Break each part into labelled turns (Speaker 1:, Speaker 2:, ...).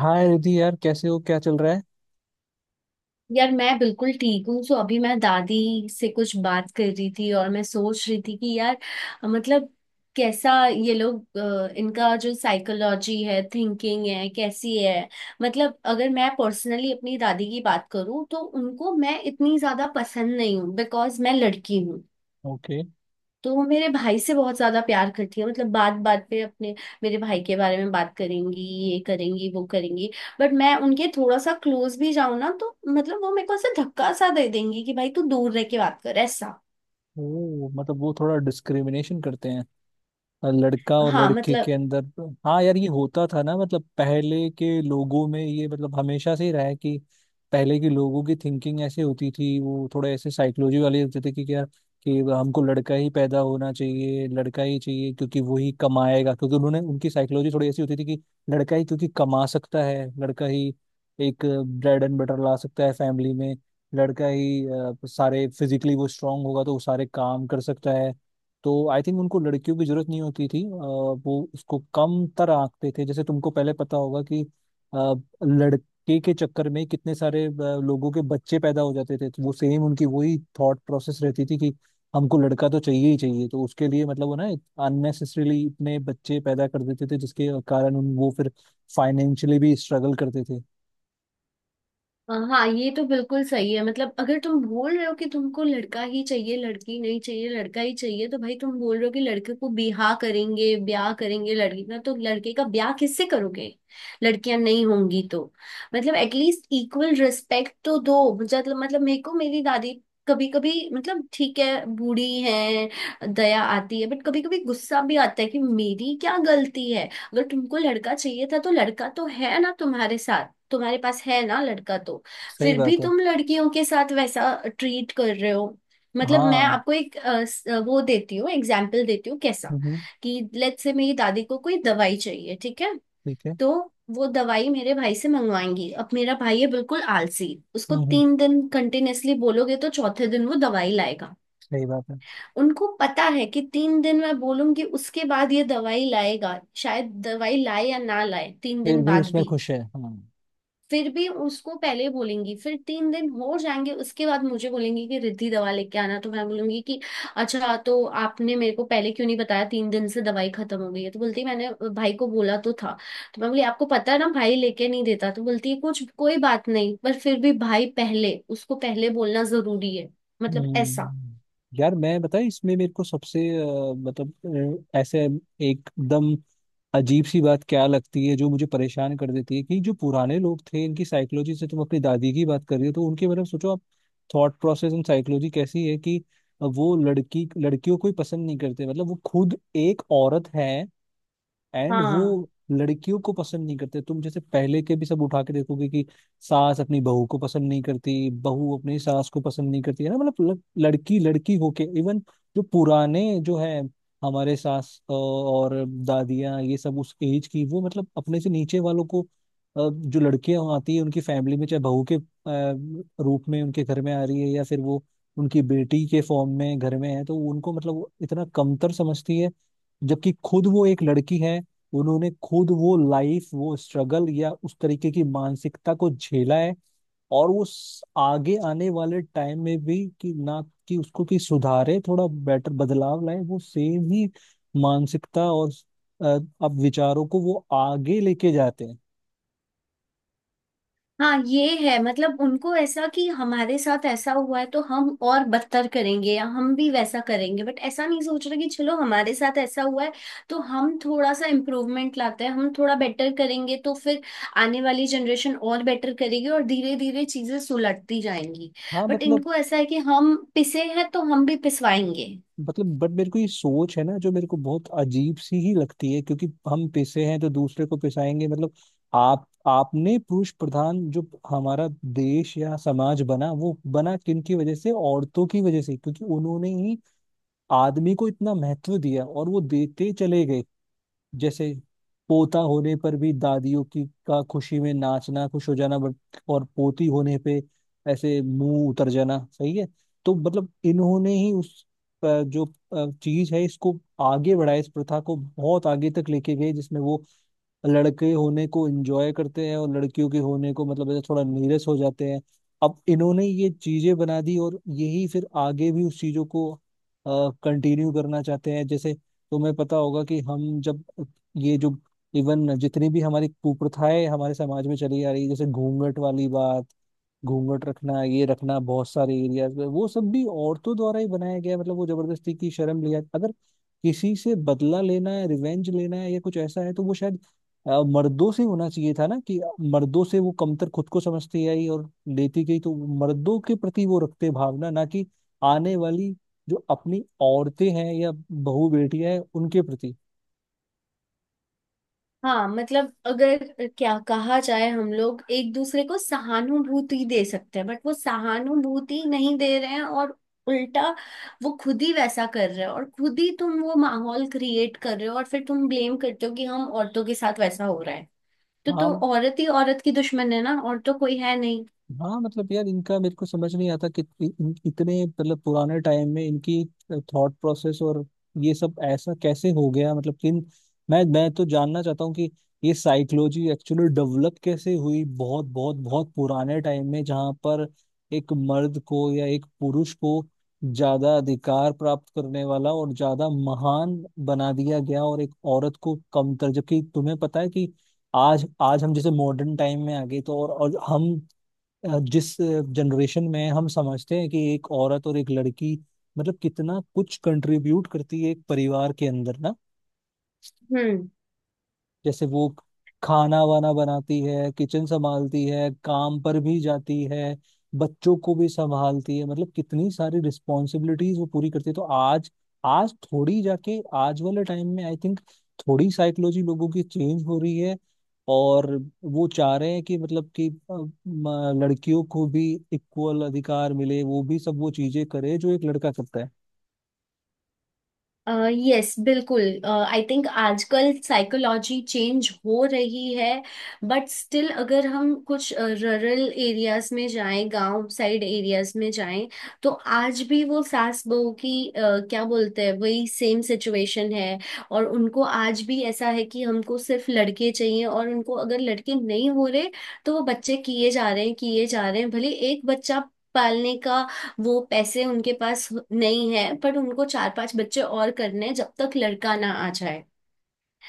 Speaker 1: हाय रिधि। यार, कैसे हो? क्या चल रहा है?
Speaker 2: यार मैं बिल्कुल ठीक हूँ। सो अभी मैं दादी से कुछ बात कर रही थी और मैं सोच रही थी कि यार मतलब कैसा ये लोग, इनका जो साइकोलॉजी है, थिंकिंग है, कैसी है। मतलब अगर मैं पर्सनली अपनी दादी की बात करूँ तो उनको मैं इतनी ज्यादा पसंद नहीं हूँ, बिकॉज मैं लड़की हूँ।
Speaker 1: ओके।
Speaker 2: तो वो मेरे भाई से बहुत ज्यादा प्यार करती है, मतलब बात बात पे अपने मेरे भाई के बारे में बात करेंगी, ये करेंगी वो करेंगी। बट मैं उनके थोड़ा सा क्लोज भी जाऊं ना, तो मतलब वो मेरे को ऐसे धक्का सा दे देंगी कि भाई तू दूर रह के बात कर, ऐसा।
Speaker 1: ओ, मतलब वो थोड़ा डिस्क्रिमिनेशन करते हैं लड़का और
Speaker 2: हाँ
Speaker 1: लड़के के
Speaker 2: मतलब।
Speaker 1: अंदर। हाँ यार, ये होता था ना। मतलब पहले के लोगों में ये, मतलब हमेशा से ही रहा है कि पहले के लोगों की थिंकिंग ऐसे होती थी। वो थोड़े ऐसे साइकोलॉजी वाले होते थे कि क्या, कि हमको लड़का ही पैदा होना चाहिए, लड़का ही चाहिए क्योंकि वो ही कमाएगा। क्योंकि उन्होंने उनकी साइकोलॉजी थोड़ी ऐसी होती थी कि लड़का ही क्योंकि कमा सकता है, लड़का ही एक ब्रेड एंड बटर ला सकता है फैमिली में। लड़का ही सारे फिजिकली वो स्ट्रांग होगा, तो वो सारे काम कर सकता है। तो आई थिंक उनको लड़कियों की जरूरत नहीं होती थी। वो उसको कम तर आंकते थे। जैसे तुमको पहले पता होगा कि अ, लड़के के चक्कर में कितने सारे लोगों के बच्चे पैदा हो जाते थे। तो वो सेम उनकी वही थॉट प्रोसेस रहती थी कि हमको लड़का तो चाहिए ही चाहिए। तो उसके लिए मतलब वो ना अननेसेसरीली इतने बच्चे पैदा कर देते थे, जिसके कारण उन वो फिर फाइनेंशियली भी स्ट्रगल करते थे।
Speaker 2: हाँ, ये तो बिल्कुल सही है। मतलब अगर तुम बोल रहे हो कि तुमको लड़का ही चाहिए, लड़की नहीं चाहिए, लड़का ही चाहिए, तो भाई तुम बोल रहे हो कि लड़के को बिहा करेंगे ब्याह करेंगे, लड़की का तो लड़के का ब्याह किससे करोगे। लड़कियां नहीं होंगी तो। मतलब एटलीस्ट इक्वल रिस्पेक्ट तो दो। मतलब मेरे को मेरी दादी कभी कभी, मतलब ठीक है बूढ़ी है, दया आती है, बट कभी कभी गुस्सा भी आता है कि मेरी क्या गलती है। अगर तुमको लड़का चाहिए था तो लड़का तो है ना तुम्हारे साथ, तुम्हारे पास है ना लड़का तो।
Speaker 1: सही
Speaker 2: फिर भी
Speaker 1: बात है।
Speaker 2: तुम लड़कियों के साथ वैसा ट्रीट कर रहे हो। मतलब मैं
Speaker 1: हाँ।
Speaker 2: आपको एक अ, स- अ, वो देती हूँ एग्जाम्पल देती हूँ कैसा,
Speaker 1: हम्म हम्म,
Speaker 2: कि लेट्स से मेरी दादी को कोई दवाई चाहिए, ठीक है।
Speaker 1: ठीक है।
Speaker 2: तो वो दवाई मेरे भाई से मंगवाएंगी। अब मेरा भाई है बिल्कुल आलसी। उसको
Speaker 1: हम्म हम्म,
Speaker 2: 3 दिन कंटिन्यूअसली बोलोगे तो चौथे दिन वो दवाई लाएगा।
Speaker 1: सही बात है।
Speaker 2: उनको पता है कि 3 दिन मैं बोलूंगी उसके बाद ये दवाई लाएगा, शायद दवाई लाए या ना लाए तीन
Speaker 1: फिर
Speaker 2: दिन
Speaker 1: भी
Speaker 2: बाद
Speaker 1: उसमें
Speaker 2: भी।
Speaker 1: खुश है हाँ।
Speaker 2: फिर भी उसको पहले बोलेंगी, फिर 3 दिन हो जाएंगे, उसके बाद मुझे बोलेंगी कि रिद्धि दवा लेके आना। तो मैं बोलूंगी कि अच्छा, तो आपने मेरे को पहले क्यों नहीं बताया, 3 दिन से दवाई खत्म हो गई है। तो बोलती है, मैंने भाई को बोला तो था। तो मैं बोली, आपको पता है ना भाई लेके नहीं देता। तो बोलती है, कुछ कोई बात नहीं, पर फिर भी भाई पहले, उसको पहले बोलना जरूरी है। मतलब ऐसा।
Speaker 1: हम्म, यार, मैं बताया इसमें मेरे को सबसे मतलब ऐसे एकदम अजीब सी बात क्या लगती है जो मुझे परेशान कर देती है, कि जो पुराने लोग थे इनकी साइकोलॉजी से, तुम अपनी दादी की बात कर रही हो तो उनके मतलब सोचो आप, थॉट प्रोसेस एंड साइकोलॉजी कैसी है, कि वो लड़की लड़कियों को ही पसंद नहीं करते। मतलब वो खुद एक औरत है एंड
Speaker 2: हाँ
Speaker 1: वो लड़कियों को पसंद नहीं करते। तुम जैसे पहले के भी सब उठा के देखोगे कि सास अपनी बहू को पसंद नहीं करती, बहू अपनी सास को पसंद नहीं करती है ना। मतलब लड़की लड़की होके इवन जो पुराने जो है हमारे सास और दादियाँ, ये सब उस एज की, वो मतलब अपने से नीचे वालों को, जो लड़कियां आती है उनकी फैमिली में, चाहे बहू के रूप में उनके घर में आ रही है या फिर वो उनकी बेटी के फॉर्म में घर में है, तो उनको मतलब वो इतना कमतर समझती है, जबकि खुद वो एक लड़की है। उन्होंने खुद वो लाइफ, वो स्ट्रगल या उस तरीके की मानसिकता को झेला है। और वो आगे आने वाले टाइम में भी कि ना, कि उसको कि सुधारे, थोड़ा बेटर बदलाव लाए, वो सेम ही मानसिकता और अ, अब विचारों को वो आगे लेके जाते हैं।
Speaker 2: हाँ, ये है। मतलब उनको ऐसा कि हमारे साथ ऐसा हुआ है तो हम और बदतर करेंगे या हम भी वैसा करेंगे, बट ऐसा नहीं सोच रहे कि चलो हमारे साथ ऐसा हुआ है तो हम थोड़ा सा इम्प्रूवमेंट लाते हैं, हम थोड़ा बेटर करेंगे तो फिर आने वाली जनरेशन और बेटर करेगी और धीरे धीरे चीजें सुलटती जाएंगी।
Speaker 1: हाँ
Speaker 2: बट
Speaker 1: मतलब।
Speaker 2: इनको ऐसा है कि हम पिसे हैं तो हम भी पिसवाएंगे।
Speaker 1: मतलब बट मेरे को ये सोच है ना जो मेरे को बहुत अजीब सी ही लगती है, क्योंकि हम पिसे हैं तो दूसरे को पिसाएंगे, मतलब आप आपने पुरुष प्रधान जो हमारा देश या समाज बना, वो बना किन की वजह से? औरतों की वजह से, क्योंकि उन्होंने ही आदमी को इतना महत्व दिया और वो देते चले गए। जैसे पोता होने पर भी दादियों की का खुशी में नाचना, खुश हो जाना, बट और पोती होने पे ऐसे मुंह उतर जाना, सही है? तो मतलब इन्होंने ही उस जो चीज है इसको आगे बढ़ाया, इस प्रथा को बहुत आगे तक लेके गए, जिसमें वो लड़के होने को एंजॉय करते हैं और लड़कियों के होने को मतलब ऐसे थोड़ा नीरस हो जाते हैं। अब इन्होंने ये चीजें बना दी और यही फिर आगे भी उस चीजों को कंटिन्यू करना चाहते हैं। जैसे तुम्हें पता होगा कि हम जब ये जो इवन जितनी भी हमारी कुप्रथाएं हमारे समाज में चली आ रही है, जैसे घूंघट वाली बात, घूंघट रखना, ये रखना, बहुत सारे एरियाज में वो सब भी औरतों द्वारा ही बनाया गया है। मतलब वो जबरदस्ती की शर्म लिया। अगर किसी से बदला लेना है, रिवेंज लेना है या कुछ ऐसा है, तो वो शायद मर्दों से होना चाहिए था ना, कि मर्दों से वो कमतर खुद को समझती आई और लेती गई, तो मर्दों के प्रति वो रखते भावना, ना कि आने वाली जो अपनी औरतें हैं या बहू बेटियां हैं उनके प्रति।
Speaker 2: हाँ, मतलब अगर क्या कहा जाए, हम लोग एक दूसरे को सहानुभूति दे सकते हैं बट वो सहानुभूति नहीं दे रहे हैं, और उल्टा वो खुद ही वैसा कर रहे हो और खुद ही तुम वो माहौल क्रिएट कर रहे हो और फिर तुम ब्लेम करते हो कि हम औरतों के साथ वैसा हो रहा है। तो
Speaker 1: हाँ।
Speaker 2: औरत ही औरत की दुश्मन है ना, और तो कोई है
Speaker 1: हाँ मतलब यार, इनका मेरे को समझ नहीं आता कि इतने मतलब पुराने टाइम में इनकी थॉट प्रोसेस और ये सब ऐसा कैसे हो गया, मतलब मैं तो जानना चाहता हूँ कि ये साइकोलॉजी एक्चुअली डेवलप कैसे हुई बहुत बहुत बहुत पुराने टाइम में, जहाँ पर एक मर्द को या एक पुरुष को ज्यादा अधिकार प्राप्त करने वाला और ज्यादा महान बना दिया गया और एक औरत को कमतर। जबकि तुम्हें पता है कि आज, आज हम जैसे मॉडर्न टाइम में आ गए, तो और हम जिस जनरेशन में हम समझते हैं कि एक औरत और एक लड़की मतलब कितना कुछ कंट्रीब्यूट करती है एक परिवार के अंदर ना।
Speaker 2: नहीं।
Speaker 1: जैसे वो खाना वाना बनाती है, किचन संभालती है, काम पर भी जाती है, बच्चों को भी संभालती है, मतलब कितनी सारी रिस्पॉन्सिबिलिटीज वो पूरी करती है। तो आज, आज थोड़ी जाके आज वाले टाइम में आई थिंक थोड़ी साइकोलॉजी लोगों की चेंज हो रही है, और वो चाह रहे हैं कि मतलब कि लड़कियों को भी इक्वल अधिकार मिले, वो भी सब वो चीजें करे जो एक लड़का करता है।
Speaker 2: यस बिल्कुल। आई थिंक आजकल साइकोलॉजी चेंज हो रही है बट स्टिल अगर हम कुछ रूरल एरियाज में जाएं, गांव साइड एरियाज में जाएं, तो आज भी वो सास बहू की, क्या बोलते हैं, वही सेम सिचुएशन है। और उनको आज भी ऐसा है कि हमको सिर्फ लड़के चाहिए, और उनको अगर लड़के नहीं हो रहे तो वो बच्चे किए जा रहे हैं, किए जा रहे हैं, भले एक बच्चा पालने का वो पैसे उनके पास नहीं है, पर उनको चार पांच बच्चे और करने हैं जब तक लड़का ना आ जाए।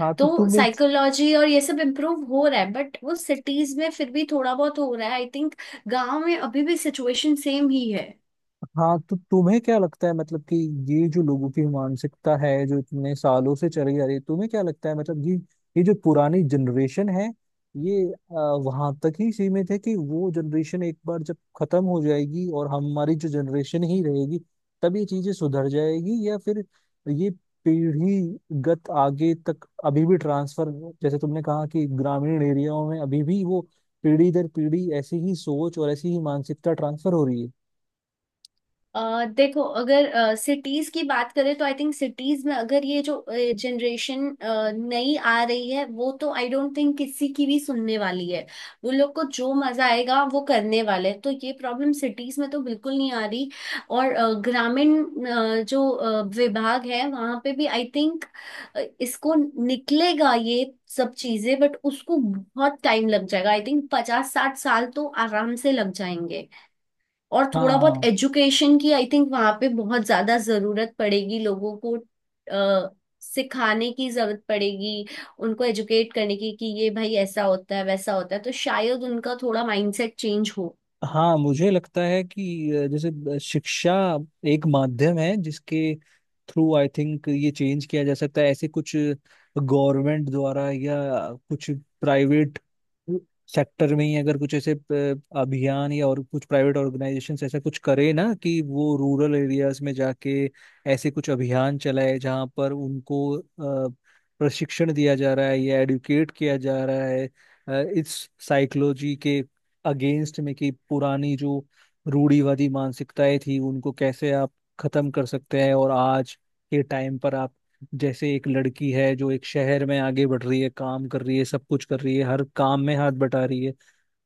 Speaker 1: हाँ तो
Speaker 2: तो
Speaker 1: तुम
Speaker 2: साइकोलॉजी और ये सब इम्प्रूव हो रहा है बट वो सिटीज में फिर भी थोड़ा बहुत हो रहा है आई थिंक। गांव में अभी भी सिचुएशन सेम ही है।
Speaker 1: हाँ तो तुम्हें क्या लगता है, मतलब कि ये जो लोगों की मानसिकता है जो इतने सालों से चली आ रही है, तुम्हें क्या लगता है मतलब ये जो पुरानी जनरेशन है, ये वहां तक ही सीमित है, कि वो जनरेशन एक बार जब खत्म हो जाएगी और हमारी जो जनरेशन ही रहेगी तब ये चीजें सुधर जाएगी, या फिर ये पीढ़ीगत आगे तक अभी भी ट्रांसफर, जैसे तुमने कहा कि ग्रामीण एरियाओं में अभी भी वो पीढ़ी दर पीढ़ी ऐसी ही सोच और ऐसी ही मानसिकता ट्रांसफर हो रही है।
Speaker 2: देखो, अगर सिटीज की बात करें तो आई थिंक सिटीज में अगर ये जो जनरेशन नई आ रही है, वो तो आई डोंट थिंक किसी की भी सुनने वाली है। वो लोग को जो मजा आएगा वो करने वाले हैं, तो ये प्रॉब्लम सिटीज में तो बिल्कुल नहीं आ रही। और ग्रामीण, जो विभाग है वहां पे भी आई थिंक इसको निकलेगा ये सब चीजें, बट उसको बहुत टाइम लग जाएगा, आई थिंक 50 60 साल तो आराम से लग जाएंगे। और थोड़ा बहुत
Speaker 1: हाँ।
Speaker 2: एजुकेशन की आई थिंक वहां पे बहुत ज्यादा जरूरत पड़ेगी लोगों को, अ, सिखाने की जरूरत पड़ेगी, उनको एजुकेट करने की कि ये भाई ऐसा होता है वैसा होता है, तो शायद उनका थोड़ा माइंडसेट चेंज हो।
Speaker 1: हाँ मुझे लगता है कि जैसे शिक्षा एक माध्यम है जिसके थ्रू आई थिंक ये चेंज किया जा सकता है। ऐसे कुछ गवर्नमेंट द्वारा या कुछ प्राइवेट सेक्टर में ही, अगर कुछ ऐसे अभियान या और कुछ प्राइवेट ऑर्गेनाइजेशन ऐसा कुछ करे ना, कि वो रूरल एरियाज में जाके ऐसे कुछ अभियान चलाए जहाँ पर उनको प्रशिक्षण दिया जा रहा है या एडुकेट किया जा रहा है इस साइकोलॉजी के अगेंस्ट में, कि पुरानी जो रूढ़िवादी मानसिकताएं थी, उनको कैसे आप खत्म कर सकते हैं, और आज के टाइम पर आप, जैसे एक लड़की है जो एक शहर में आगे बढ़ रही है, काम कर रही है, सब कुछ कर रही है, हर काम में हाथ बटा रही है,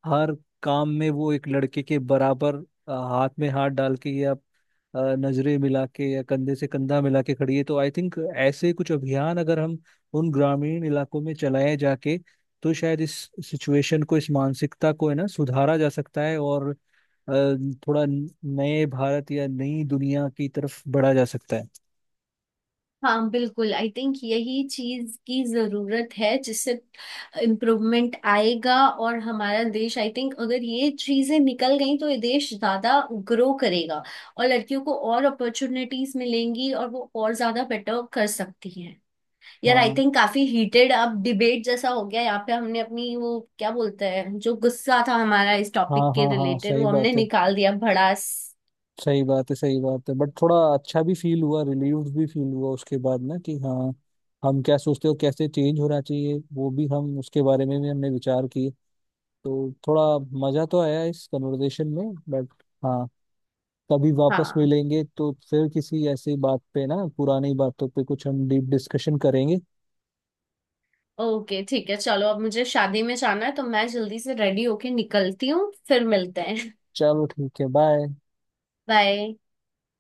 Speaker 1: हर काम में वो एक लड़के के बराबर हाथ में हाथ डाल के या नजरें मिला के या कंधे से कंधा मिला के खड़ी है, तो आई थिंक ऐसे कुछ अभियान अगर हम उन ग्रामीण इलाकों में चलाए जाके, तो शायद इस सिचुएशन को, इस मानसिकता को है ना, सुधारा जा सकता है, और थोड़ा नए भारत या नई दुनिया की तरफ बढ़ा जा सकता है।
Speaker 2: हाँ बिल्कुल। आई थिंक यही चीज की जरूरत है जिससे इम्प्रूवमेंट आएगा और हमारा देश आई थिंक अगर ये चीजें निकल गई तो ये देश ज्यादा ग्रो करेगा और लड़कियों को और अपॉर्चुनिटीज मिलेंगी और वो और ज्यादा बेटर कर सकती हैं। यार आई
Speaker 1: हाँ।
Speaker 2: थिंक काफी हीटेड अब डिबेट जैसा हो गया यहाँ पे, हमने अपनी, वो क्या बोलते हैं, जो गुस्सा था हमारा इस
Speaker 1: हाँ
Speaker 2: टॉपिक के
Speaker 1: हाँ हाँ,
Speaker 2: रिलेटेड
Speaker 1: सही
Speaker 2: वो हमने
Speaker 1: बात है।
Speaker 2: निकाल दिया भड़ास।
Speaker 1: सही बात है, सही बात है, बट थोड़ा अच्छा भी फील हुआ, रिलीव्ड भी फील हुआ उसके बाद, ना कि हाँ, हम क्या सोचते हो, कैसे चेंज होना चाहिए, वो भी हम उसके बारे में भी हमने विचार किए। तो थोड़ा मजा तो आया इस कन्वर्सेशन में, बट हाँ, कभी वापस
Speaker 2: हाँ
Speaker 1: मिलेंगे तो फिर किसी ऐसी बात पे ना, पुरानी बातों पे कुछ हम डीप डिस्कशन करेंगे।
Speaker 2: ओके, ठीक है, चलो अब मुझे शादी में जाना है तो मैं जल्दी से रेडी होके निकलती हूँ, फिर मिलते हैं।
Speaker 1: चलो ठीक है, बाय।
Speaker 2: बाय।